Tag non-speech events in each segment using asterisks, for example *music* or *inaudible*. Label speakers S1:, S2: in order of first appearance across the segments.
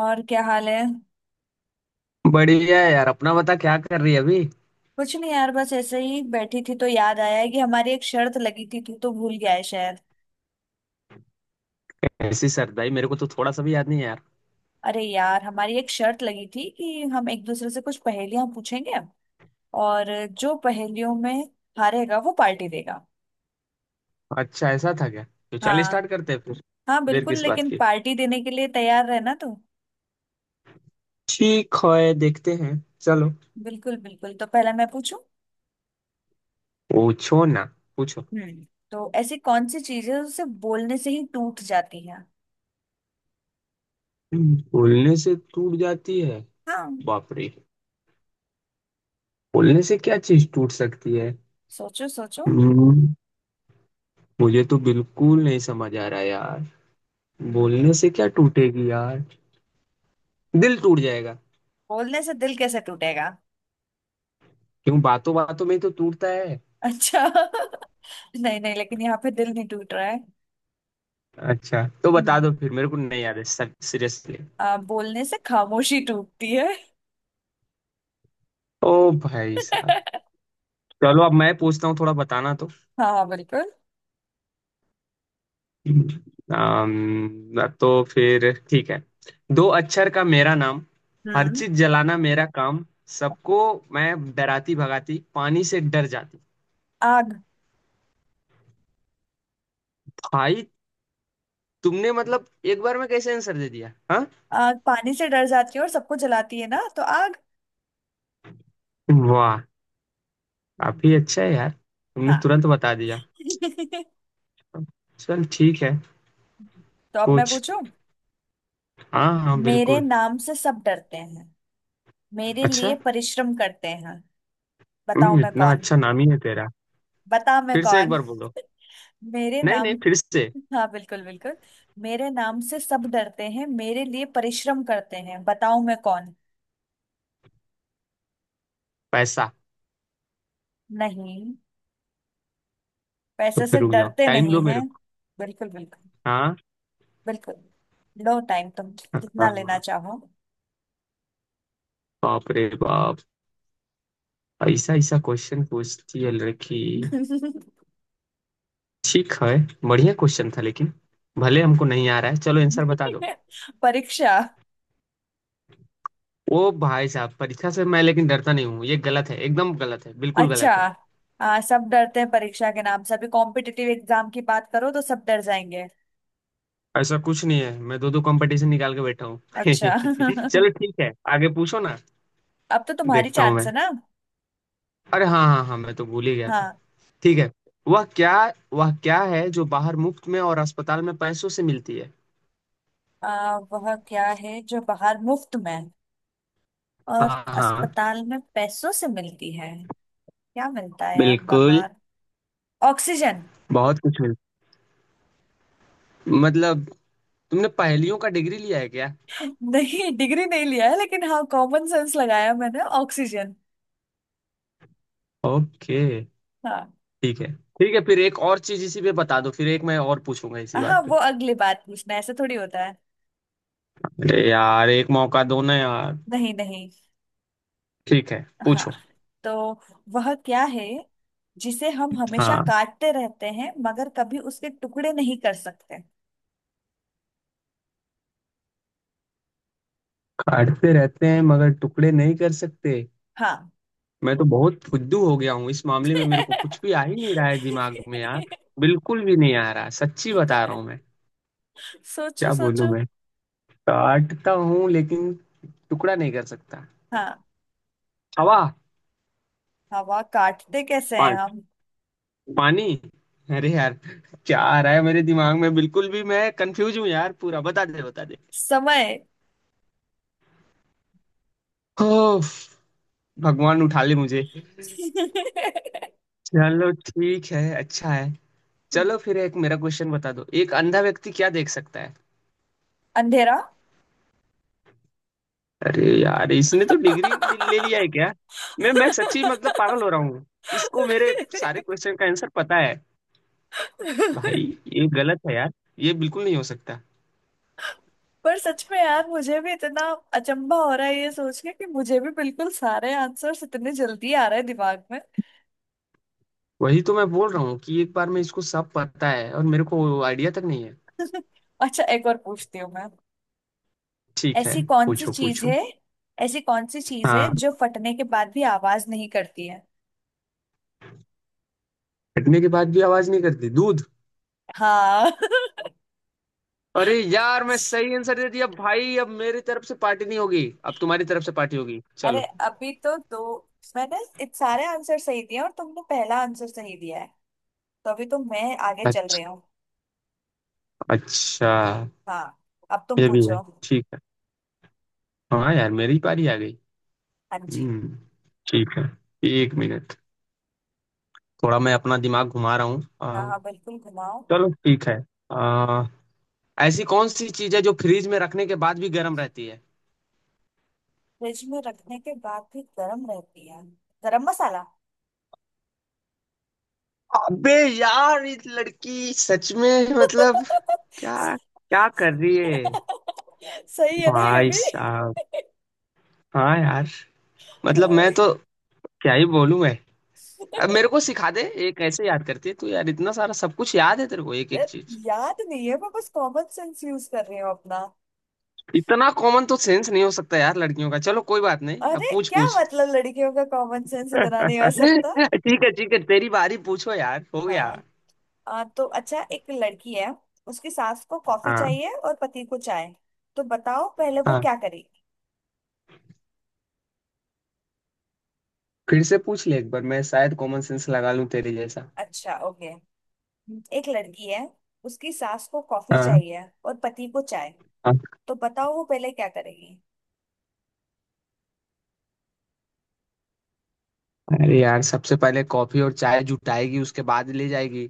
S1: और क्या हाल है।
S2: बढ़िया है यार। अपना बता, क्या कर रही है अभी।
S1: कुछ नहीं यार, बस ऐसे ही बैठी थी तो याद आया है कि हमारी एक शर्त लगी थी। तू तो भूल गया है शायद।
S2: ऐसी सर भाई, मेरे को तो थोड़ा सा भी याद नहीं है यार।
S1: अरे यार, हमारी एक शर्त लगी थी कि हम एक दूसरे से कुछ पहेलियां पूछेंगे और जो पहेलियों में हारेगा वो पार्टी देगा।
S2: अच्छा, ऐसा था क्या? तो चल
S1: हाँ,
S2: स्टार्ट करते हैं फिर।
S1: हाँ
S2: देर
S1: बिल्कुल,
S2: किस बात
S1: लेकिन
S2: की।
S1: पार्टी देने के लिए तैयार रहना तू।
S2: ठीक है, देखते हैं। चलो।
S1: बिल्कुल बिल्कुल, तो पहला मैं पूछूं।
S2: पूछो ना, पूछो।
S1: हम्म, तो ऐसी कौन सी चीजें उसे बोलने से ही टूट जाती है।
S2: बोलने से टूट जाती है?
S1: हाँ,
S2: बाप रे, बोलने से क्या चीज टूट सकती है?
S1: सोचो सोचो।
S2: हम्म, मुझे तो बिल्कुल नहीं समझ आ रहा यार।
S1: हम्म।
S2: बोलने से क्या टूटेगी यार? दिल टूट जाएगा।
S1: बोलने से दिल कैसे टूटेगा?
S2: क्यों, बातों बातों में ही तो टूटता है।
S1: अच्छा *laughs* नहीं नहीं, लेकिन यहाँ पे दिल नहीं टूट रहा है।
S2: अच्छा, तो बता
S1: हम्म
S2: दो फिर, मेरे को नहीं याद है सर, सीरियसली।
S1: बोलने से खामोशी टूटती है।
S2: ओ भाई साहब।
S1: *laughs*
S2: चलो अब मैं पूछता हूँ, थोड़ा बताना तो।
S1: हाँ हाँ बिल्कुल।
S2: तो फिर ठीक है। दो अक्षर का मेरा नाम, हर
S1: हम्म,
S2: चीज जलाना मेरा काम, सबको मैं डराती भगाती, पानी से डर जाती।
S1: आग।
S2: भाई, तुमने मतलब एक बार में कैसे आंसर दे दिया हाँ।
S1: आग पानी से डर जाती है और सबको जलाती है ना, तो आग।
S2: वाह।
S1: हम्म,
S2: काफी अच्छा है यार, तुमने
S1: हाँ।
S2: तुरंत बता दिया।
S1: *laughs* हम्म।
S2: चल ठीक है।
S1: तो अब मैं
S2: पूछ।
S1: पूछूं।
S2: हाँ हाँ
S1: मेरे
S2: बिल्कुल।
S1: नाम से सब डरते हैं, मेरे
S2: अच्छा।
S1: लिए परिश्रम करते हैं, बताओ मैं
S2: इतना
S1: कौन।
S2: अच्छा नाम ही है तेरा।
S1: बताओ मैं
S2: फिर से एक
S1: कौन।
S2: बार बोलो।
S1: मेरे
S2: नहीं नहीं,
S1: नाम।
S2: फिर से।
S1: *laughs* हाँ बिल्कुल बिल्कुल। मेरे नाम से सब डरते हैं, मेरे लिए परिश्रम करते हैं, बताओ मैं कौन।
S2: पैसा।
S1: नहीं,
S2: तो
S1: पैसे से
S2: फिर रुक जाओ,
S1: डरते
S2: टाइम
S1: नहीं
S2: दो
S1: हैं।
S2: मेरे को।
S1: बिल्कुल बिल्कुल।
S2: हाँ।
S1: बिल्कुल। लो टाइम तुम, जितना लेना
S2: हाँ।
S1: चाहो।
S2: बाप रे बाप, ऐसा ऐसा क्वेश्चन पूछती है लड़की।
S1: *laughs*
S2: ठीक है, बढ़िया क्वेश्चन था लेकिन भले हमको नहीं आ रहा है, चलो आंसर बता दो।
S1: परीक्षा।
S2: ओ भाई साहब, परीक्षा से मैं लेकिन डरता नहीं हूँ, ये गलत है, एकदम गलत है, बिल्कुल
S1: अच्छा,
S2: गलत है।
S1: हाँ सब डरते हैं परीक्षा के नाम से, अभी कॉम्पिटिटिव एग्जाम की बात करो तो सब डर जाएंगे।
S2: ऐसा कुछ नहीं है, मैं दो दो कंपटीशन निकाल के बैठा हूँ।
S1: अच्छा
S2: *laughs*
S1: *laughs*
S2: चलो ठीक है, आगे पूछो ना।
S1: अब तो तुम्हारी
S2: देखता हूँ
S1: चांस
S2: मैं।
S1: है ना।
S2: अरे हाँ हाँ हाँ, मैं तो भूल ही गया था।
S1: हाँ,
S2: ठीक है। वह क्या। वह क्या है जो बाहर मुफ्त में और अस्पताल में पैसों से मिलती है।
S1: वह क्या है जो बाहर मुफ्त में है? और
S2: हाँ हाँ
S1: अस्पताल में पैसों से मिलती है। क्या मिलता है यार
S2: बिल्कुल।
S1: बाहर? ऑक्सीजन।
S2: बहुत कुछ मिल, मतलब, तुमने पहेलियों का डिग्री लिया है क्या?
S1: नहीं, डिग्री नहीं लिया है, लेकिन हाँ, कॉमन सेंस लगाया मैंने। ऑक्सीजन।
S2: ओके।
S1: हाँ,
S2: ठीक है ठीक है, फिर एक और चीज इसी पे बता दो, फिर एक मैं और पूछूंगा इसी
S1: हाँ
S2: बात पे।
S1: वो अगली बात पूछना ऐसे थोड़ी होता है।
S2: अरे यार एक मौका दो ना यार।
S1: नहीं नहीं।
S2: ठीक है,
S1: हाँ,
S2: पूछो।
S1: तो वह क्या है जिसे हम हमेशा
S2: हाँ।
S1: काटते रहते हैं मगर कभी उसके टुकड़े नहीं कर सकते?
S2: काटते रहते हैं मगर टुकड़े नहीं कर सकते?
S1: हाँ।
S2: मैं तो बहुत फुद्दू हो गया हूँ इस मामले में, मेरे को कुछ भी
S1: *laughs*
S2: आ ही नहीं रहा है दिमाग में यार। बिल्कुल भी नहीं आ रहा, सच्ची बता रहा हूँ मैं।
S1: सोचो
S2: क्या बोलूं
S1: सोचो।
S2: मैं? काटता हूँ लेकिन टुकड़ा नहीं कर सकता।
S1: हाँ,
S2: हवा।
S1: हवा काटते कैसे हैं हम?
S2: पानी। अरे यार, क्या आ रहा है मेरे दिमाग में, बिल्कुल भी, मैं कंफ्यूज हूँ यार पूरा, बता दे बता दे।
S1: समय।
S2: ओफ, भगवान उठा ले मुझे।
S1: *laughs*
S2: चलो ठीक है, अच्छा है। चलो फिर एक मेरा क्वेश्चन बता दो, एक अंधा व्यक्ति क्या देख सकता है?
S1: अंधेरा।
S2: अरे यार इसने तो डिग्री ले ले लिया है क्या? मैं सच्ची मतलब पागल हो रहा हूँ, इसको मेरे सारे क्वेश्चन का आंसर पता है। भाई,
S1: पर
S2: ये गलत है यार, ये बिल्कुल नहीं हो सकता।
S1: सच में यार, मुझे भी इतना अचंभा हो रहा है ये सोच के कि मुझे भी बिल्कुल सारे आंसर्स इतने जल्दी आ रहे हैं दिमाग में।
S2: वही तो मैं बोल रहा हूँ कि एक बार, मैं इसको सब पता है और मेरे को आइडिया तक नहीं है।
S1: *laughs* अच्छा, एक और पूछती हूँ मैं।
S2: ठीक है,
S1: ऐसी कौन सी
S2: पूछो
S1: चीज
S2: पूछो।
S1: है, ऐसी कौन सी चीज है
S2: हाँ।
S1: जो फटने के बाद भी आवाज नहीं करती है?
S2: फटने के बाद भी आवाज नहीं करती, दूध।
S1: हाँ। *laughs*
S2: अरे यार मैं सही आंसर दे दिया भाई, अब मेरी तरफ से पार्टी नहीं होगी, अब तुम्हारी तरफ से पार्टी होगी,
S1: अरे
S2: चलो।
S1: अभी तो दो। मैंने इत सारे आंसर सही दिए और तुमने पहला आंसर सही दिया है, तभी तो मैं आगे चल
S2: अच्छा।
S1: रही हूँ।
S2: अच्छा।
S1: हाँ, अब तुम
S2: ये भी है।
S1: पूछो।
S2: ठीक है। हाँ यार मेरी पारी आ गई।
S1: हाँ जी।
S2: हम्म। ठीक है। एक मिनट, थोड़ा मैं अपना दिमाग घुमा रहा हूँ।
S1: हाँ हाँ बिल्कुल, घुमाओ।
S2: चलो ठीक है। आ, ऐसी कौन सी चीज है जो फ्रीज में रखने के बाद भी गर्म रहती है?
S1: फ्रिज में रखने के बाद भी गर्म रहती है? गरम मसाला।
S2: अबे यार, इस लड़की सच में मतलब, क्या
S1: *laughs*
S2: क्या कर रही है।
S1: सही है ना ये
S2: भाई
S1: भी।
S2: साहब। हाँ यार, मतलब मैं
S1: हाय।
S2: तो क्या ही बोलूं मैं। अब मेरे को सिखा दे ये कैसे याद करती है तू यार, इतना सारा सब कुछ याद है तेरे को एक एक
S1: यार,
S2: चीज।
S1: याद नहीं है, मैं बस कॉमन सेंस यूज कर रही हूँ अपना।
S2: इतना कॉमन तो सेंस नहीं हो सकता यार लड़कियों का। चलो कोई बात नहीं, अब
S1: अरे
S2: पूछ
S1: क्या
S2: पूछ।
S1: मतलब लड़कियों का कॉमन सेंस इतना नहीं हो सकता?
S2: *laughs* ठीक है ठीक है, तेरी बारी, पूछो यार, हो गया।
S1: हाँ, तो अच्छा, एक लड़की है, उसकी सास को कॉफी
S2: हाँ।
S1: चाहिए और पति को चाय, तो बताओ पहले वो
S2: हाँ,
S1: क्या करे।
S2: फिर से पूछ ले एक बार, मैं शायद कॉमन सेंस लगा लूं तेरे जैसा।
S1: अच्छा ओके, एक लड़की है, उसकी सास को कॉफी
S2: हाँ।
S1: चाहिए और पति को चाय, तो बताओ वो पहले क्या करेगी।
S2: अरे यार सबसे पहले कॉफी और चाय जुटाएगी, उसके बाद ले जाएगी।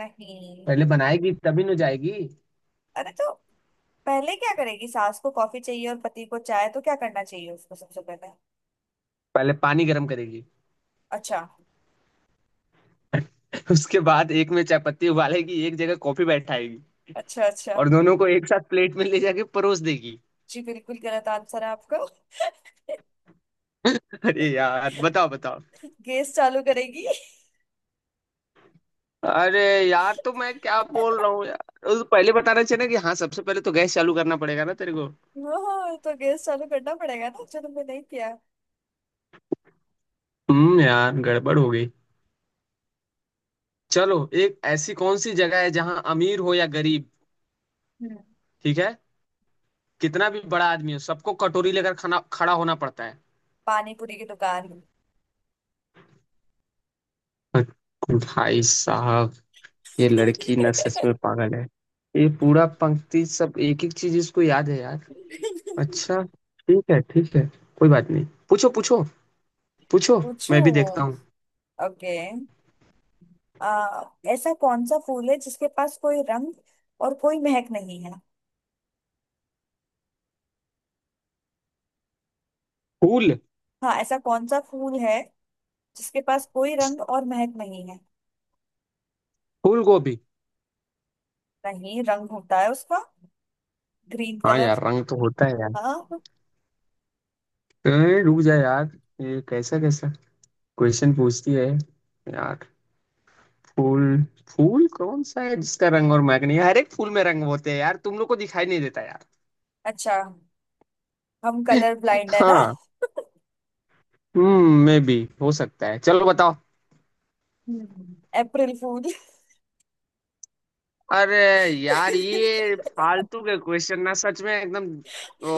S1: नहीं।
S2: पहले बनाएगी तभी न जाएगी।
S1: अरे तो पहले क्या करेगी? सास को कॉफी चाहिए और पति को चाय, तो क्या करना चाहिए उसको सबसे पहले?
S2: पहले पानी गर्म करेगी।
S1: अच्छा
S2: *laughs* उसके बाद एक में चाय पत्ती उबालेगी, एक जगह कॉफी बैठाएगी,
S1: अच्छा। अच्छा
S2: और दोनों को एक साथ प्लेट में ले जाके परोस देगी।
S1: जी, बिल्कुल गलत आंसर है आपका।
S2: *laughs* अरे यार बताओ बताओ।
S1: *laughs* गैस चालू करेगी। *laughs*
S2: अरे यार तो मैं क्या बोल रहा हूँ यार, उस पहले बताना चाहिए ना कि हाँ सबसे पहले तो गैस चालू करना पड़ेगा ना तेरे को।
S1: ओह, तो गैस चालू करना पड़ेगा ना, चलो मैं नहीं किया।
S2: यार गड़बड़ हो गई। चलो। एक ऐसी कौन सी जगह है जहाँ अमीर हो या गरीब,
S1: हम्म,
S2: ठीक है, कितना भी बड़ा आदमी हो, सबको कटोरी लेकर खाना खड़ा होना पड़ता है?
S1: पानी पूरी की दुकान।
S2: भाई साहब, ये लड़की ना सच में पागल है, ये पूरा पंक्ति सब एक एक चीज इसको याद है यार।
S1: *laughs*
S2: अच्छा, ठीक है ठीक है, कोई बात नहीं। पूछो पूछो पूछो।
S1: पूछू।
S2: मैं भी देखता हूँ।
S1: ओके, आ, ऐसा कौन सा फूल है जिसके पास कोई रंग और कोई महक नहीं है?
S2: फूल?
S1: हाँ, ऐसा कौन सा फूल है जिसके पास कोई रंग और महक नहीं है?
S2: फूल गोभी।
S1: नहीं, रंग होता है उसका, ग्रीन
S2: हाँ
S1: कलर।
S2: यार रंग तो होता है यार।
S1: हाँ,
S2: रुक जा यार, ये कैसा कैसा क्वेश्चन पूछती है यार। फूल, फूल कौन सा है जिसका रंग और महक नहीं है? हर एक फूल में रंग होते हैं यार, तुम लोग को दिखाई नहीं देता यार।
S1: अच्छा, हम कलर ब्लाइंड है ना।
S2: हाँ। मे भी हो सकता है, चलो बताओ।
S1: हम्म। अप्रैल फूल।
S2: अरे यार ये फालतू के क्वेश्चन ना सच में एकदम ओ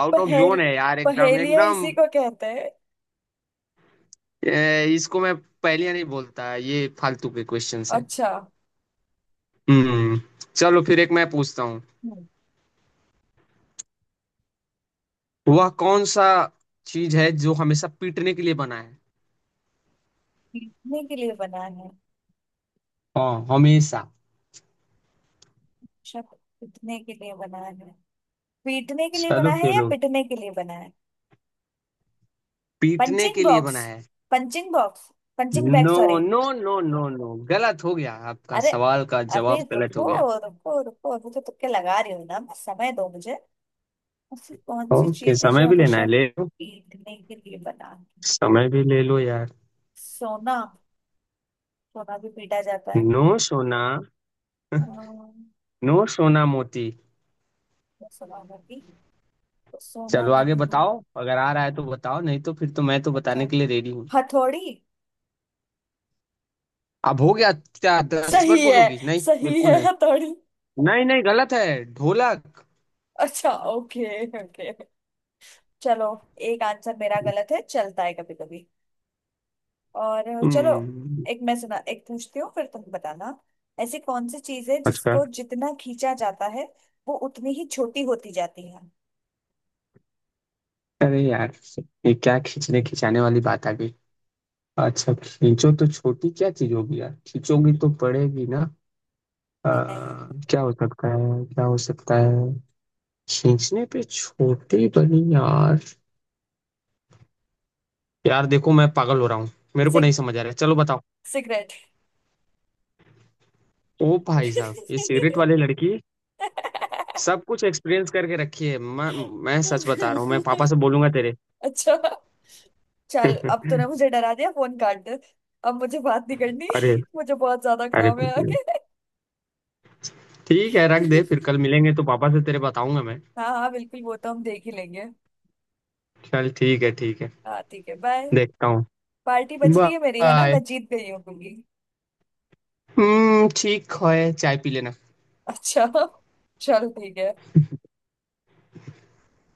S2: आउट ऑफ
S1: पहेल,
S2: जोन है यार, एकदम
S1: पहेलिया
S2: एकदम।
S1: इसी को कहते हैं।
S2: इसको मैं पहेलियां नहीं बोलता, ये फालतू के क्वेश्चंस हैं।
S1: अच्छा।
S2: हम्म। चलो फिर एक मैं पूछता हूँ।
S1: हम्म,
S2: वह कौन सा चीज है जो हमेशा पीटने के लिए बना है?
S1: पीटने के लिए बना है?
S2: हाँ हमेशा।
S1: अच्छा, पीटने के लिए बना है, पीटने के लिए
S2: चलो
S1: बना है
S2: फिर,
S1: या पिटने के लिए बना है?
S2: पीटने
S1: पंचिंग
S2: के लिए
S1: बॉक्स।
S2: बना है।
S1: Punching box, punching bag,
S2: no,
S1: sorry.
S2: No no no no, गलत हो गया आपका,
S1: अरे
S2: सवाल का
S1: अभी
S2: जवाब गलत हो
S1: रुको,
S2: गया।
S1: रुको रुको, अभी तो तुक्के लगा रही हूँ ना मैं, समय दो मुझे। ऐसी कौन सी
S2: ओके,
S1: चीज है
S2: समय
S1: जो
S2: भी लेना
S1: हमेशा
S2: है ले लो।
S1: पीटने के लिए बना है?
S2: समय भी ले लो यार।
S1: सोना, सोना भी पीटा जाता है।
S2: नो सोना।
S1: अम्म,
S2: नो सोना मोती।
S1: तो सोना नहीं, तो सोना
S2: चलो आगे
S1: नहीं है।
S2: बताओ, अगर आ रहा है तो बताओ, नहीं तो फिर तो मैं तो बताने
S1: मतलब,
S2: के लिए रेडी हूँ।
S1: हथौड़ी।
S2: अब हो गया, क्या दस बार
S1: सही है,
S2: बोलोगी? नहीं,
S1: सही
S2: बिल्कुल
S1: है
S2: नहीं।
S1: हथौड़ी।
S2: नहीं नहीं, गलत है, ढोलक।
S1: अच्छा, ओके ओके, चलो। एक आंसर मेरा गलत है, चलता है कभी कभी। और चलो,
S2: हम्म।
S1: एक मैं सुना, एक पूछती हूँ, फिर तुम बताना। ऐसी कौन सी चीज है
S2: अच्छा।
S1: जिसको जितना खींचा जाता है वो उतनी ही छोटी होती जाती है?
S2: अरे यार, ये क्या खींचने खिंचाने वाली बात आ गई। अच्छा खींचो तो छोटी क्या चीज होगी यार, खींचोगी तो पड़ेगी ना।
S1: नहीं नहीं।
S2: क्या हो सकता है क्या हो सकता है, खींचने पे छोटी बनी यार। यार देखो मैं पागल हो रहा हूँ, मेरे को
S1: सिग,
S2: नहीं समझ आ रहा है, चलो बताओ।
S1: सिगरेट।
S2: ओ भाई साहब, ये सिगरेट
S1: *laughs*
S2: वाली लड़की सब कुछ एक्सपीरियंस करके रखी है। मैं सच बता रहा हूँ, मैं पापा से बोलूंगा तेरे।
S1: अच्छा, चल
S2: *laughs*
S1: अब तूने मुझे डरा दिया, फोन काट दे। अब मुझे बात नहीं करनी,
S2: अरे।
S1: मुझे बहुत ज्यादा
S2: अरे
S1: काम है आगे।
S2: ठीक है रख दे, फिर कल मिलेंगे तो पापा से तेरे बताऊंगा मैं।
S1: हाँ हाँ बिल्कुल, वो तो हम देख ही लेंगे।
S2: चल ठीक है ठीक है।
S1: हाँ ठीक है, बाय।
S2: देखता हूँ।
S1: पार्टी बच रही है मेरी, है ना,
S2: बाय।
S1: मैं जीत गई हूँ क्योंकि।
S2: ठीक है, चाय पी लेना।
S1: अच्छा *laughs* चल ठीक है।